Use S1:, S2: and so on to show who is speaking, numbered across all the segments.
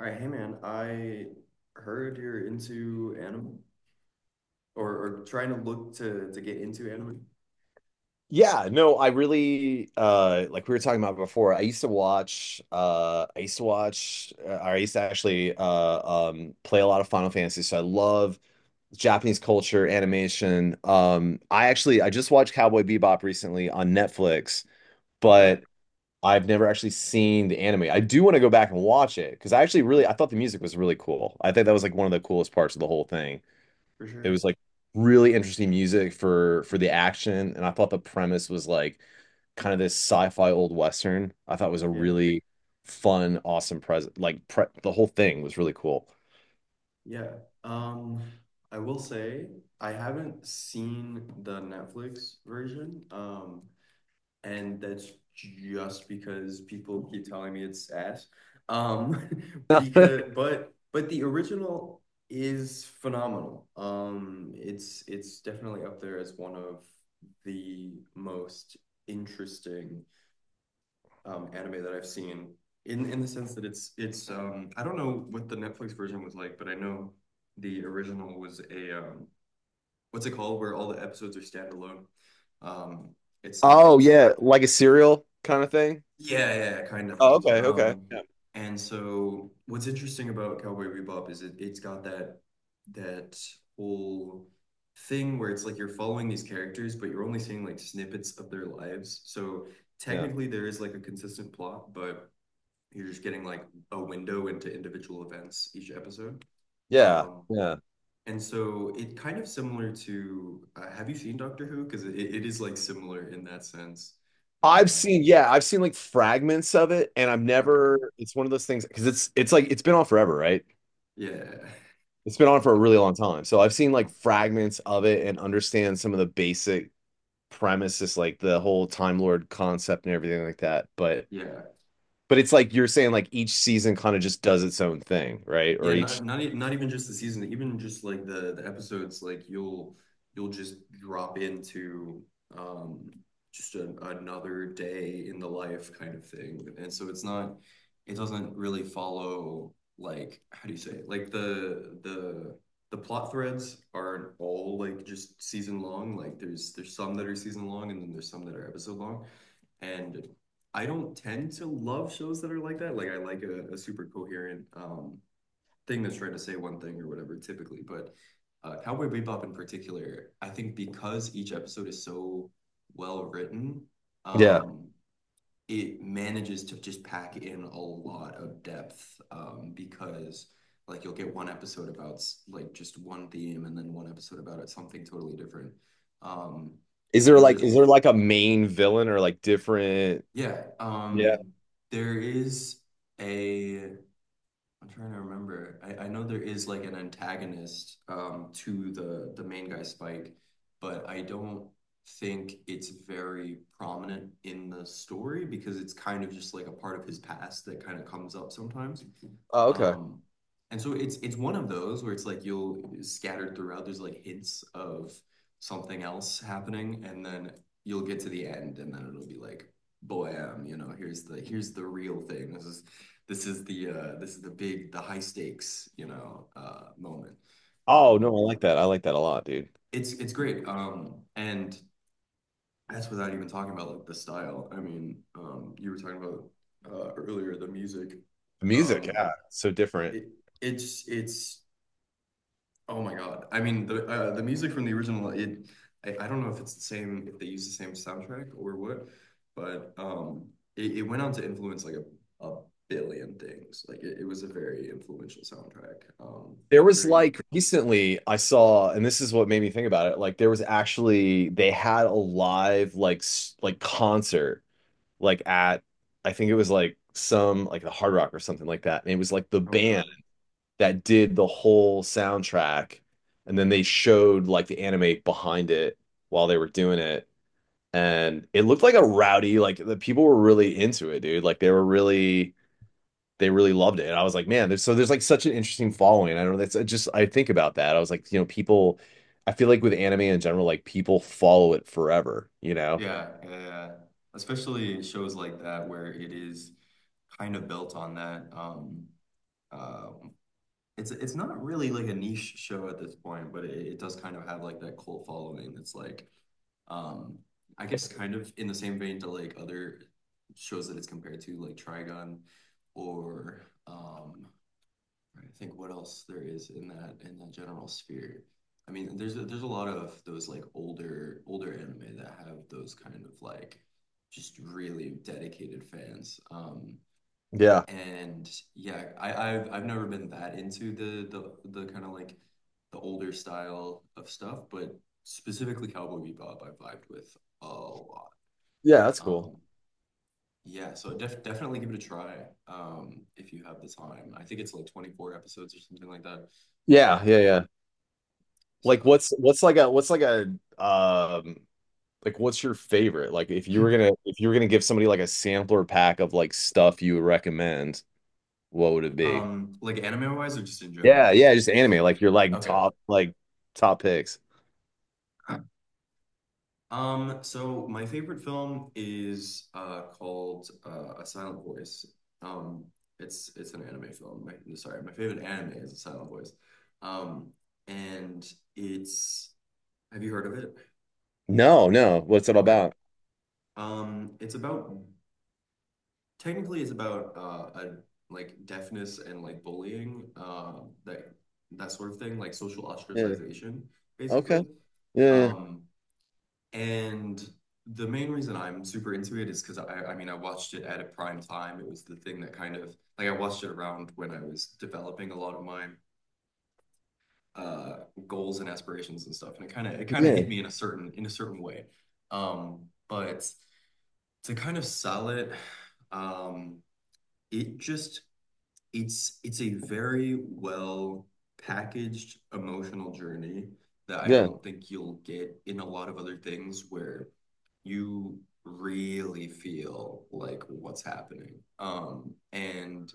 S1: All right, hey man, I heard you're into anime or trying to look to get into anime.
S2: Yeah, no, I really like we were talking about before. I used to actually play a lot of Final Fantasy. So I love Japanese culture, animation. I just watched Cowboy Bebop recently on Netflix,
S1: Okay.
S2: but I've never actually seen the anime. I do want to go back and watch it because I actually really
S1: Mm,
S2: I thought the music was really cool. I think that was like one of the coolest parts of the whole thing.
S1: for
S2: It
S1: sure.
S2: was like really interesting music for the action, and I thought the premise was like kind of this sci-fi old western. I thought it was a
S1: Yeah.
S2: really fun, awesome present. The whole thing was really cool.
S1: Yeah. Um, I will say I haven't seen the Netflix version, and that's just because people keep telling me it's ass. Um, because but the original is phenomenal. It's definitely up there as one of the most interesting anime that I've seen in the sense that it's I don't know what the Netflix version was like, but I know the original was a what's it called where all the episodes are standalone. Um, it's
S2: Oh
S1: not
S2: yeah, like a serial kind of thing.
S1: Yeah, yeah, yeah, kind of.
S2: Oh, okay, okay.
S1: Um,
S2: Yeah.
S1: and so what's interesting about Cowboy Bebop is it's got that whole thing where it's like you're following these characters, but you're only seeing like snippets of their lives. So
S2: Yeah.
S1: technically there is like a consistent plot, but you're just getting like a window into individual events each episode.
S2: Yeah.
S1: Um,
S2: Yeah.
S1: and so it kind of similar to have you seen Doctor Who? Because it is like similar in that sense.
S2: I've
S1: Uh,
S2: seen, yeah, I've seen like fragments of it, and I've
S1: okay.
S2: never. It's one of those things because it's like it's been on forever, right?
S1: Yeah.
S2: It's been on for a really long time, so I've seen like fragments of it and understand some of the basic premise is like the whole Time Lord concept and everything like that. But
S1: Yeah,
S2: but it's like you're saying like each season kind of just does its own thing, right? Or
S1: Yeah,
S2: each
S1: not not not even just the season, even just like the episodes, like you'll just drop into um just another day in the life kind of thing. And so it's not it doesn't really follow, like how do you say it? Like the plot threads aren't all like just season long. Like there's some that are season long and then there's some that are episode long. And I don't tend to love shows that are like that. Like I like a super coherent thing that's trying to say one thing or whatever typically, but Cowboy Bebop in particular, I think because each episode is so well written,
S2: yeah.
S1: um, it manages to just pack in a lot of depth, because like you'll get one episode about like just one theme and then one episode about it something totally different. Um, and I know there's
S2: Is there like a main villain or like different?
S1: yeah,
S2: Yeah.
S1: there is a I'm trying to remember. I know there is like an antagonist to the main guy Spike, but I don't think it's very prominent in the story because it's kind of just like a part of his past that kind of comes up sometimes.
S2: Oh, okay.
S1: Um, And so it's one of those where it's like you'll scattered throughout, there's like hints of something else happening, and then you'll get to the end, and then it'll be like, "Blam, you know, here's the real thing. This is the big, the high stakes, you know, moment."
S2: Oh no,
S1: Um
S2: I like that. I like that a lot, dude.
S1: it's great. And that's without even talking about like the style. I mean, you were talking about earlier the music.
S2: The music,
S1: Um
S2: yeah, so different.
S1: it it's Oh my God. I mean, the music from the original, it I don't know if it's the same, if they use the same soundtrack or what, but it, it went on to influence like a billion things. Like it was a very influential soundtrack.
S2: There was
S1: Very
S2: like recently I saw, and this is what made me think about it. Like there was actually they had a live like like concert like at I think it was like some like the Hard Rock or something like that. And it was like the
S1: Oh, really?
S2: band that did the whole soundtrack and then they showed like the anime behind it while they were doing it and it looked like a rowdy like the people were really into it, dude, like they were really they really loved it. And I was like, man, there's there's like such an interesting following. I don't know, that's I just I think about that. I was like, people, I feel like with anime in general, like people follow it forever.
S1: Yeah, yeah, yeah. Especially shows like that where it is kind of built on that. Uh, it's not really like a niche show at this point, but it does kind of have like that cult following. It's like, um, I guess kind of in the same vein to like other shows that it's compared to, like Trigun, or I think what else there is in that general sphere. I mean, there's there's a lot of those like older anime that have those kind of like just really dedicated fans.
S2: Yeah,
S1: And yeah, I, I've never been that into the kind of like the older style of stuff, but specifically Cowboy Bebop, I vibed with a lot.
S2: yeah, that's cool.
S1: Um, yeah, so definitely give it a try if you have the time. I think it's like 24 episodes or something like that.
S2: Yeah,
S1: Um,
S2: yeah, yeah. Like
S1: so,
S2: what's like a um like what's your favorite? Like if you were gonna give somebody like a sampler pack of like stuff you would recommend, what would it be?
S1: like anime wise or just in general?
S2: Yeah, yeah, just anime. Like your like
S1: Okay.
S2: top picks.
S1: So my favorite film is called A Silent Voice. Um, it's an anime film. My, sorry, my favorite anime is A Silent Voice. Um, and it's have you heard of it?
S2: No, no. What's it all
S1: Okay.
S2: about?
S1: It's about technically it's about a like deafness and like bullying, that that sort of thing, like social
S2: Yeah.
S1: ostracization, basically.
S2: Okay. Yeah.
S1: Um, And the main reason I'm super into it is because I mean, I watched it at a prime time. It was the thing that kind of like I watched it around when I was developing a lot of my uh, goals and aspirations and stuff, and it kind of
S2: Yeah.
S1: hit me in a certain way. But to kind of sell it, um, it just it's a very well packaged emotional journey that I
S2: Yeah.
S1: don't think you'll get in a lot of other things where you really feel like what's happening. And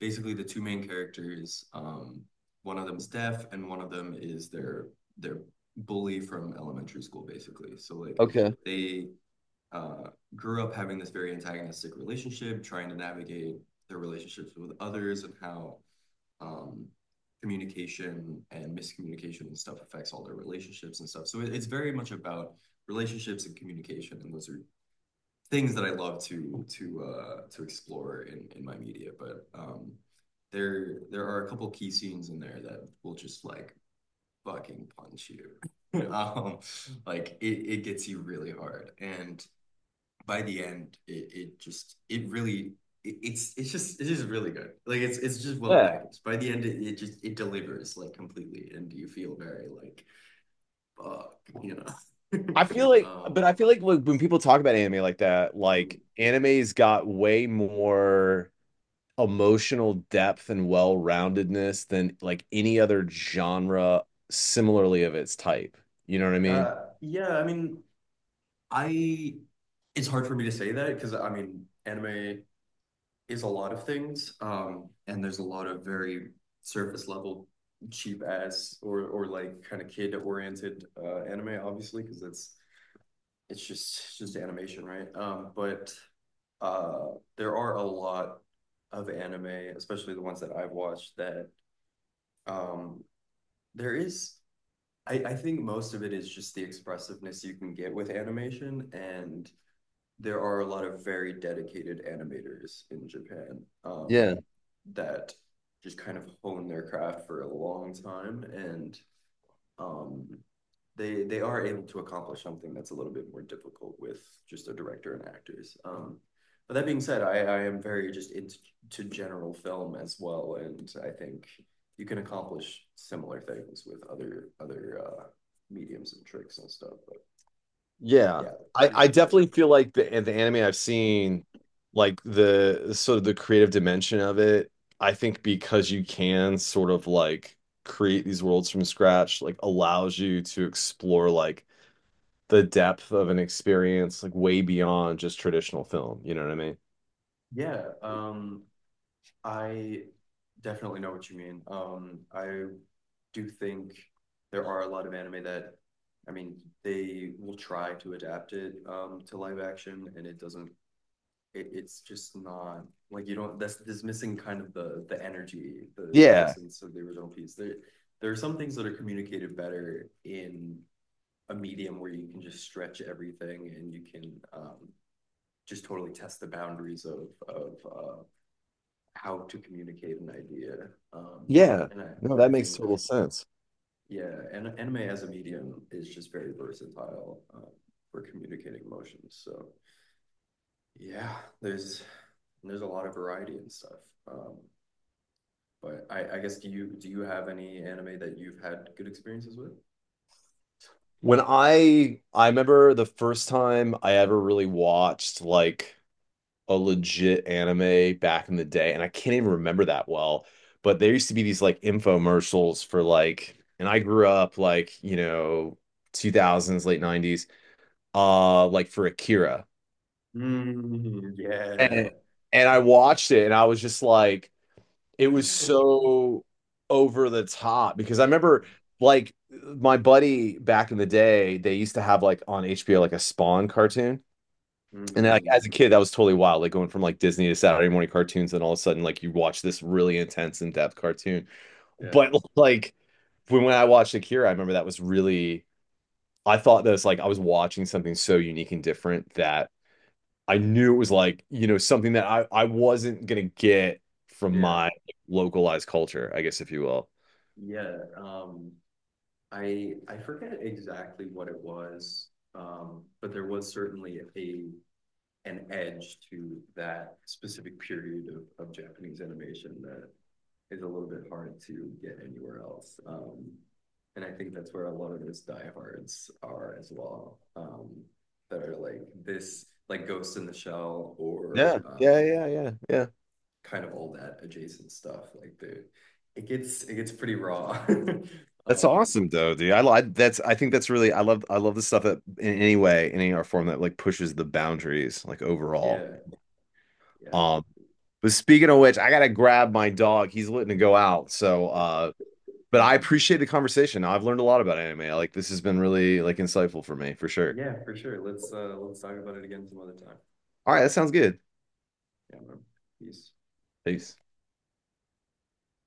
S1: basically the two main characters, one of them's deaf and one of them is their bully from elementary school, basically. So like
S2: Okay.
S1: they uh, grew up having this very antagonistic relationship, trying to navigate their relationships with others and how um, communication and miscommunication and stuff affects all their relationships and stuff. So it, it's very much about relationships and communication, and those are things that I love to explore in my media. But there there are a couple key scenes in there that will just like fucking punch you. um, like it gets you really hard and by the end, it just it really it, it's just it is really good. Like it's just well
S2: Yeah.
S1: packaged. By the end, it just it delivers like completely, and you feel very like fuck, you know. um,
S2: I feel like when people talk about anime like that,
S1: mm.
S2: like anime's got way more emotional depth and well-roundedness than like any other genre similarly of its type. You know what I mean?
S1: Yeah, I mean, I it's hard for me to say that because I mean, anime is a lot of things, and there's a lot of very surface level cheap ass or like kind of kid oriented anime, obviously, because that's it's just animation, right? But uh, there are a lot of anime, especially the ones that I've watched, that um, there is. I think most of it is just the expressiveness you can get with animation, and there are a lot of very dedicated animators in Japan,
S2: Yeah.
S1: that just kind of hone their craft for a long time, and um, they are able to accomplish something that's a little bit more difficult with just a director and actors. But that being said, I am very just into to general film as well, and I think you can accomplish similar things with other mediums and tricks and stuff. But
S2: Yeah.
S1: yeah,
S2: I,
S1: there's
S2: I
S1: definitely
S2: definitely feel like the anime I've seen, like the sort of the creative dimension of it, I think because you can sort of like create these worlds from scratch, like allows you to explore like the depth of an experience like way beyond just traditional film. You know what I mean?
S1: yeah. I definitely know what you mean. I do think there are a lot of anime that, I mean, they will try to adapt it to live action, and it doesn't. It, it's just not like you don't. That's this missing kind of the energy, the
S2: Yeah.
S1: essence of the original piece. There are some things that are communicated better in a medium where you can just stretch everything and you can just totally test the boundaries of of uh, how to communicate an idea. Um,
S2: Yeah.
S1: and
S2: No, that
S1: I
S2: makes
S1: think,
S2: total sense.
S1: yeah, and anime as a medium is just very versatile, for communicating emotions. So yeah, there's there's a lot of variety and stuff. Um, but I guess do you have any anime that you've had good experiences with?
S2: When I remember the first time I ever really watched like a legit anime back in the day, and I can't even remember that well, but there used to be these like infomercials for like, and I grew up like, you know, 2000s, late 90s, like for Akira.
S1: Mm, yeah.
S2: And I watched it and I was just like, it was so over the top because I remember
S1: Oh,
S2: like my buddy back in the day, they used to have like on HBO like a Spawn cartoon. And like as
S1: mm,
S2: a kid, that was totally wild. Like going from like Disney to Saturday morning cartoons, and all of a sudden, like you watch this really intense, in-depth cartoon. But
S1: yeah.
S2: like when I watched Akira, I remember that was really I thought that was like I was watching something so unique and different that I knew it was like, you know, something that I wasn't gonna get from my
S1: Yeah.
S2: like localized culture, I guess, if you will.
S1: Yeah. I forget exactly what it was, but there was certainly a an edge to that specific period of Japanese animation that is a little bit hard to get anywhere else. And I think that's where a lot of those diehards are as well. That are like this, like Ghost in the Shell or
S2: Yeah, yeah, yeah, yeah, yeah.
S1: kind of all that adjacent stuff. Like the, it gets pretty raw.
S2: That's
S1: um,
S2: awesome though, dude. That's I think that's really I love the stuff that in any way, in any art form, that like pushes the boundaries like overall.
S1: yeah, yeah.
S2: Um but speaking of which, I gotta grab my dog. He's letting to go out. So
S1: Yeah.
S2: but I appreciate the conversation. I've learned a lot about anime. Like this has been really like insightful for me for sure.
S1: Yeah, for sure. Let's talk about it again some other time.
S2: All right, that sounds good.
S1: Yeah, man. Peace.
S2: Peace.